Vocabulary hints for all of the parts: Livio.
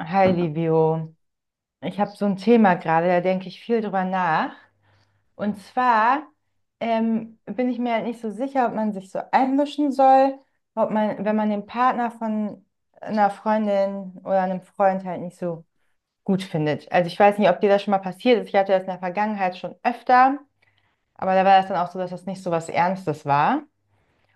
Hi, Livio. Ich habe so ein Thema gerade, da denke ich viel drüber nach. Und zwar bin ich mir halt nicht so sicher, ob man sich so einmischen soll, ob man, wenn man den Partner von einer Freundin oder einem Freund halt nicht so gut findet. Also ich weiß nicht, ob dir das schon mal passiert ist. Ich hatte das in der Vergangenheit schon öfter, aber da war das dann auch so, dass das nicht so was Ernstes war.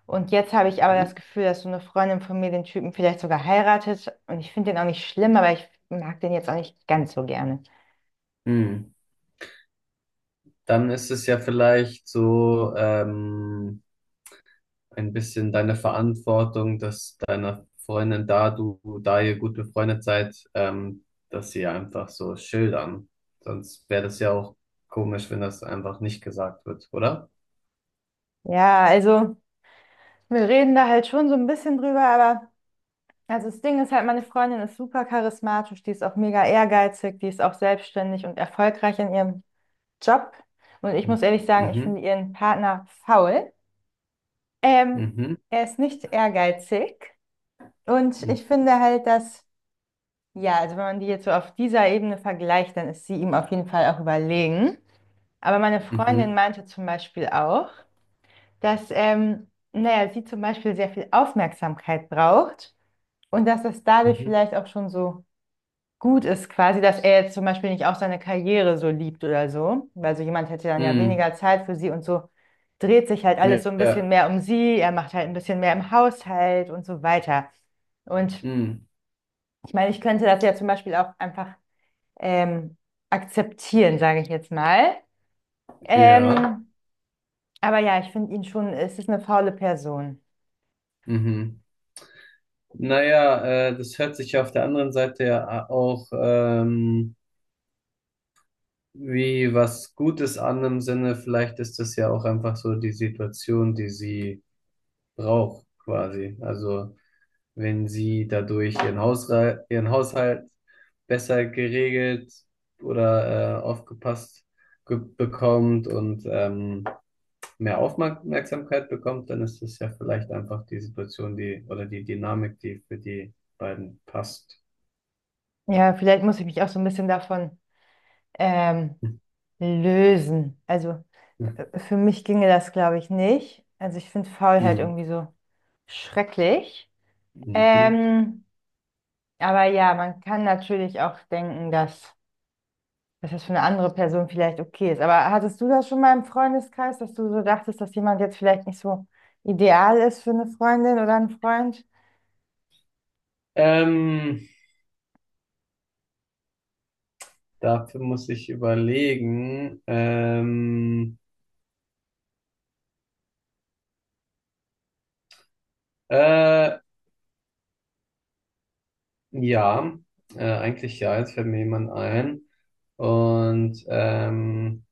Und jetzt habe ich aber Hm? das Gefühl, dass so eine Freundin von mir den Typen vielleicht sogar heiratet. Und ich finde den auch nicht schlimm, aber ich mag den jetzt auch nicht ganz so gerne. Hm. Dann ist es ja vielleicht so ein bisschen deine Verantwortung, dass deiner Freundin da, du, da ihr gut befreundet seid, dass sie einfach so schildern. Sonst wäre das ja auch komisch, wenn das einfach nicht gesagt wird, oder? Ja, also wir reden da halt schon so ein bisschen drüber, aber also das Ding ist halt, meine Freundin ist super charismatisch, die ist auch mega ehrgeizig, die ist auch selbstständig und erfolgreich in ihrem Job. Und ich muss ehrlich sagen, ich Mhm, finde ihren Partner faul. Ähm, mhm, Er ist nicht ehrgeizig und ich mhm, finde halt, dass, ja, also wenn man die jetzt so auf dieser Ebene vergleicht, dann ist sie ihm auf jeden Fall auch überlegen. Aber meine Freundin mhm, meinte zum Beispiel auch, dass naja, sie zum Beispiel sehr viel Aufmerksamkeit braucht und dass das dadurch mhm, vielleicht auch schon so gut ist, quasi, dass er jetzt zum Beispiel nicht auch seine Karriere so liebt oder so, weil so jemand hätte dann ja mhm. weniger Zeit für sie und so dreht sich halt alles Ja, so ein bisschen ja, mehr um sie, er macht halt ein bisschen mehr im Haushalt und so weiter. Und mhm. ich meine, ich könnte das ja zum Beispiel auch einfach ähm, akzeptieren, sage ich jetzt mal. Ja, Ähm, aber ja, ich finde ihn schon, es ist eine faule Person. mhm. Naja, das hört sich ja auf der anderen Seite ja auch wie was Gutes an im Sinne, vielleicht ist das ja auch einfach so die Situation, die sie braucht, quasi. Also wenn sie dadurch ihren Haushalt besser geregelt oder aufgepasst bekommt und mehr Aufmerksamkeit bekommt, dann ist das ja vielleicht einfach die Situation, die oder die Dynamik, die für die beiden passt. Ja, vielleicht muss ich mich auch so ein bisschen davon ähm, lösen. Also für mich ginge das, glaube ich, nicht. Also ich finde Faulheit Mhm. irgendwie so schrecklich. Mhm. Ähm, aber ja, man kann natürlich auch denken, dass, dass das für eine andere Person vielleicht okay ist. Aber hattest du das schon mal im Freundeskreis, dass du so dachtest, dass jemand jetzt vielleicht nicht so ideal ist für eine Freundin oder einen Freund? Ähm, Dafür muss ich überlegen. Äh, ja, eigentlich ja, jetzt fällt mir jemand ein. Und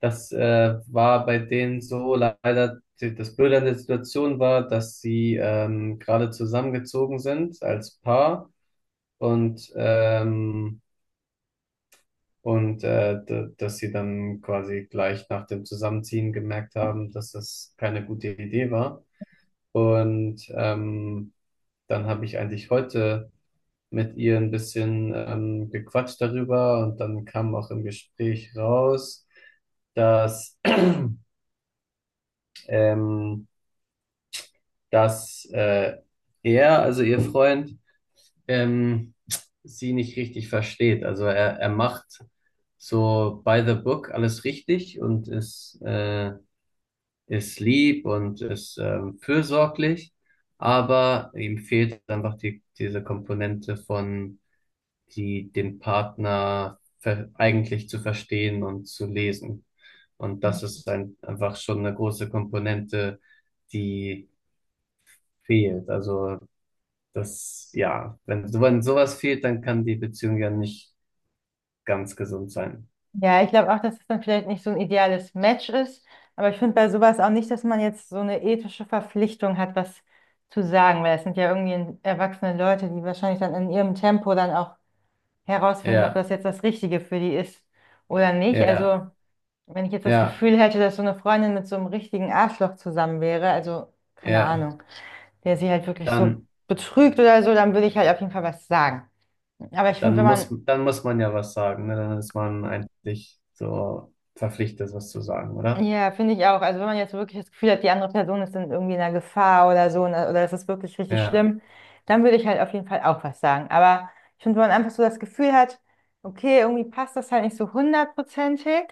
das war bei denen so leider, das Blöde an der Situation war, dass sie gerade zusammengezogen sind als Paar und dass sie dann quasi gleich nach dem Zusammenziehen gemerkt haben, dass das keine gute Idee war. Und dann habe ich eigentlich heute mit ihr ein bisschen gequatscht darüber und dann kam auch im Gespräch raus, dass, ähm, dass er, also ihr Freund, ähm, sie nicht richtig versteht. Also er macht so by the book alles richtig und ist lieb und ist fürsorglich, aber ihm fehlt einfach diese Komponente von die den Partner ver eigentlich zu verstehen und zu lesen. Und das ist einfach schon eine große Komponente, die fehlt. Also das, ja, wenn sowas fehlt, dann kann die Beziehung ja nicht ganz gesund sein. Ja, ich glaube auch, dass es dann vielleicht nicht so ein ideales Match ist. Aber ich finde bei sowas auch nicht, dass man jetzt so eine ethische Verpflichtung hat, was zu sagen, weil es sind ja irgendwie erwachsene Leute, die wahrscheinlich dann in ihrem Tempo dann auch herausfinden, ob das Ja, jetzt das Richtige für die ist oder nicht. ja, Also, wenn ich jetzt das ja, Gefühl hätte, dass so eine Freundin mit so einem richtigen Arschloch zusammen wäre, also keine ja. Ahnung, der sie halt wirklich so Dann, betrügt oder so, dann würde ich halt auf jeden Fall was sagen. Aber ich finde, dann wenn muss, man dann muss man ja was sagen, ne? Dann ist man eigentlich so verpflichtet, was zu sagen, oder? ja, finde ich auch. Also wenn man jetzt wirklich das Gefühl hat, die andere Person ist dann irgendwie in einer Gefahr oder so, ne, oder es ist wirklich richtig Ja, schlimm, dann würde ich halt auf jeden Fall auch was sagen. Aber ich finde, wenn man einfach so das Gefühl hat, okay, irgendwie passt das halt nicht so hundertprozentig,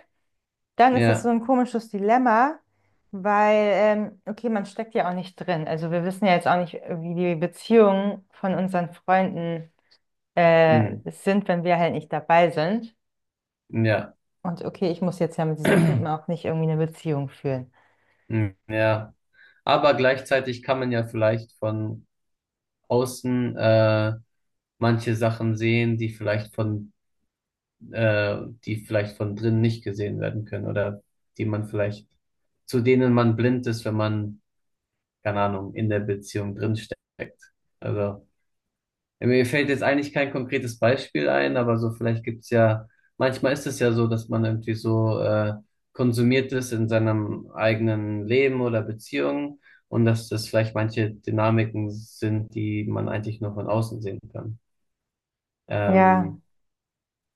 dann ist das so ja, ein komisches Dilemma, weil, okay, man steckt ja auch nicht drin. Also wir wissen ja jetzt auch nicht, wie die Beziehungen von unseren Freunden, mm, sind, wenn wir halt nicht dabei sind. ja, Und okay, ich muss jetzt ja mit diesem Typen auch nicht irgendwie eine Beziehung führen. mm, ja. Aber gleichzeitig kann man ja vielleicht von außen manche Sachen sehen, die vielleicht äh, die vielleicht von drinnen nicht gesehen werden können oder die man vielleicht, zu denen man blind ist, wenn man, keine Ahnung, in der Beziehung drinsteckt. Also. Ja, mir fällt jetzt eigentlich kein konkretes Beispiel ein, aber so vielleicht gibt's ja, manchmal ist es ja so, dass man irgendwie so konsumiert ist in seinem eigenen Leben oder Beziehung und dass das vielleicht manche Dynamiken sind, die man eigentlich nur von außen sehen kann. Ja, Ähm,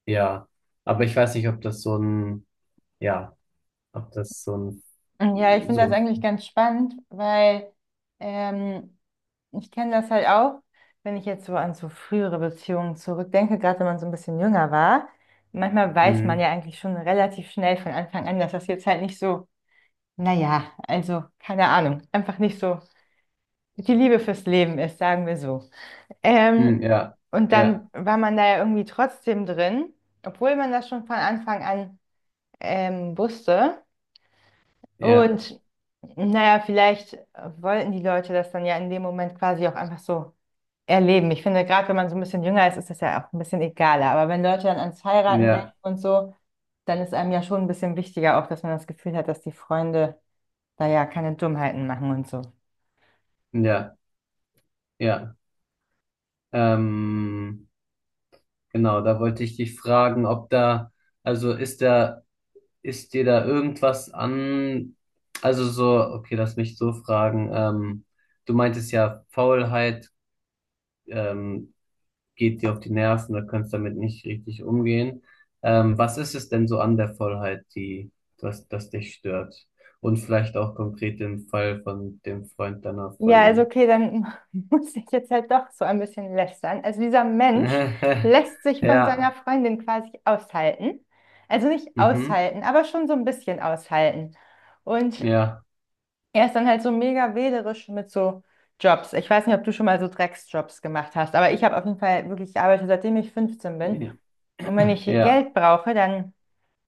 ja, aber ich weiß nicht, ob das so ein, ja, ob das so ein, ja, ich finde so das ein, eigentlich ganz spannend, weil ähm, ich kenne das halt auch, wenn ich jetzt so an so frühere Beziehungen zurückdenke, gerade wenn man so ein bisschen jünger war. Manchmal weiß man mm, ja eigentlich schon relativ schnell von Anfang an, dass das jetzt halt nicht so, naja, also keine Ahnung, einfach nicht so die Liebe fürs Leben ist, sagen wir so. mm, Ähm, ja, und ja, dann war man da ja irgendwie trotzdem drin, obwohl man das schon von Anfang an wusste. ja, Und naja, vielleicht wollten die Leute das dann ja in dem Moment quasi auch einfach so erleben. Ich finde, gerade wenn man so ein bisschen jünger ist, ist das ja auch ein bisschen egaler. Aber wenn Leute dann ans Heiraten denken ja, und so, dann ist einem ja schon ein bisschen wichtiger auch, dass man das Gefühl hat, dass die Freunde da ja keine Dummheiten machen und so. ja, ja. ähm, Genau, da wollte ich dich fragen, ob da, also ist da, ist dir da irgendwas an, also so, okay, lass mich so fragen, du meintest ja, Faulheit, ähm, geht dir auf die Nerven, da kannst damit nicht richtig umgehen. Was ist es denn so an der Faulheit, die, das dich stört? Und vielleicht auch konkret im Fall von dem Freund deiner Ja, also Freundin. okay, dann muss ich jetzt halt doch so ein bisschen lästern. Also dieser Mensch lässt sich von seiner Ja, Freundin quasi aushalten. Also nicht mhm, aushalten, aber schon so ein bisschen aushalten. Und ja, er ist dann halt so mega wählerisch mit so Jobs. Ich weiß nicht, ob du schon mal so Drecksjobs gemacht hast, aber ich habe auf jeden Fall wirklich gearbeitet, seitdem ich 15 bin. ja, Und wenn ich ja. Geld brauche, dann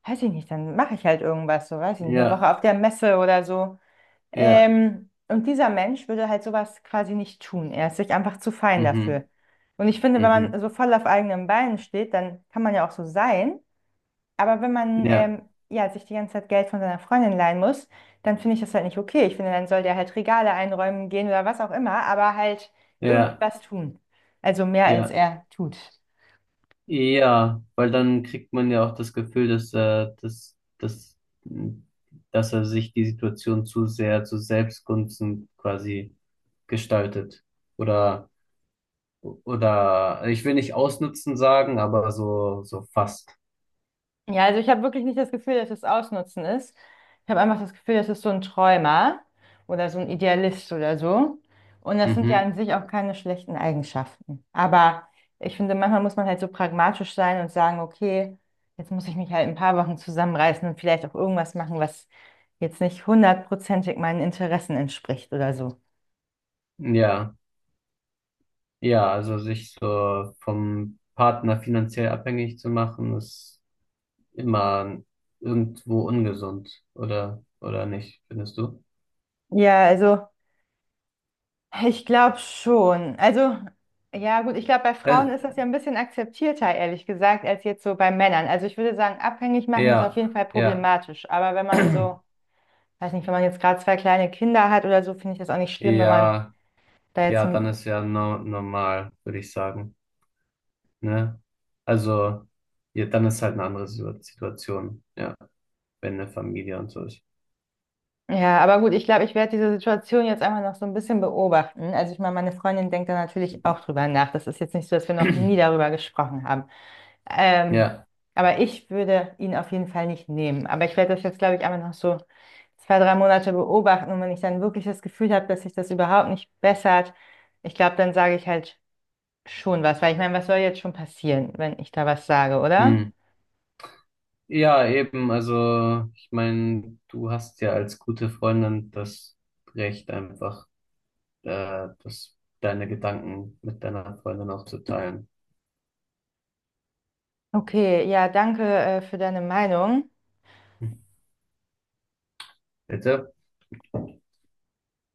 weiß ich nicht, dann mache ich halt irgendwas, so weiß ich nicht, eine Woche Ja. auf der Messe oder so. Ja, Und dieser Mensch würde halt sowas quasi nicht tun. Er ist sich einfach zu fein dafür. mhm, Und ich finde, wenn man mhm, so voll auf eigenen Beinen steht, dann kann man ja auch so sein. Aber wenn man ja, ja, sich die ganze Zeit Geld von seiner Freundin leihen muss, dann finde ich das halt nicht okay. Ich finde, dann soll der halt Regale einräumen gehen oder was auch immer, aber halt irgendwie ja, was tun. Also mehr als ja, er tut. ja, weil dann kriegt man ja auch das Gefühl, dass er sich die Situation zu sehr zu Selbstgunsten quasi gestaltet. Oder, ich will nicht ausnutzen sagen, aber so fast. Ja, also ich habe wirklich nicht das Gefühl, dass es Ausnutzen ist. Ich habe einfach das Gefühl, das ist so ein Träumer oder so ein Idealist oder so. Und das sind ja an Mhm, sich auch keine schlechten Eigenschaften. Aber ich finde, manchmal muss man halt so pragmatisch sein und sagen, okay, jetzt muss ich mich halt in ein paar Wochen zusammenreißen und vielleicht auch irgendwas machen, was jetzt nicht hundertprozentig meinen Interessen entspricht oder so. ja, ja, also sich so vom Partner finanziell abhängig zu machen, ist immer irgendwo ungesund, oder nicht, findest du? Ja, also. Ich glaube schon. Also, ja, gut, ich glaube, bei Frauen ist das Äh, ja ein bisschen akzeptierter, ehrlich gesagt, als jetzt so bei Männern. Also, ich würde sagen, abhängig machen ist auf ja, jeden Fall ja, problematisch. Aber wenn man so, weiß nicht, wenn man jetzt gerade zwei kleine Kinder hat oder so, finde ich das auch nicht schlimm, wenn man ja, da jetzt. ja, dann Ein- ist ja no, normal, würde ich sagen, ne? Also, ja, dann ist halt eine andere Situation, ja, wenn eine Familie und so ist. Ja, aber gut, ich glaube, ich werde diese Situation jetzt einfach noch so ein bisschen beobachten. Also, ich meine, meine Freundin denkt da natürlich auch drüber nach. Das ist jetzt nicht so, dass wir noch nie darüber gesprochen haben. Ähm, Ja, aber ich würde ihn auf jeden Fall nicht nehmen. Aber ich werde das jetzt, glaube ich, einfach noch so zwei, drei Monate beobachten und wenn ich dann wirklich das Gefühl habe, dass sich das überhaupt nicht bessert, ich glaube, dann sage ich halt schon was, weil ich meine, was soll jetzt schon passieren, wenn ich da was sage, oder? hm. Ja, eben, also ich meine, du hast ja als gute Freundin das Recht einfach, äh, das, deine Gedanken mit deiner Freundin auch zu teilen. Okay, ja, danke, für deine Meinung. Bitte?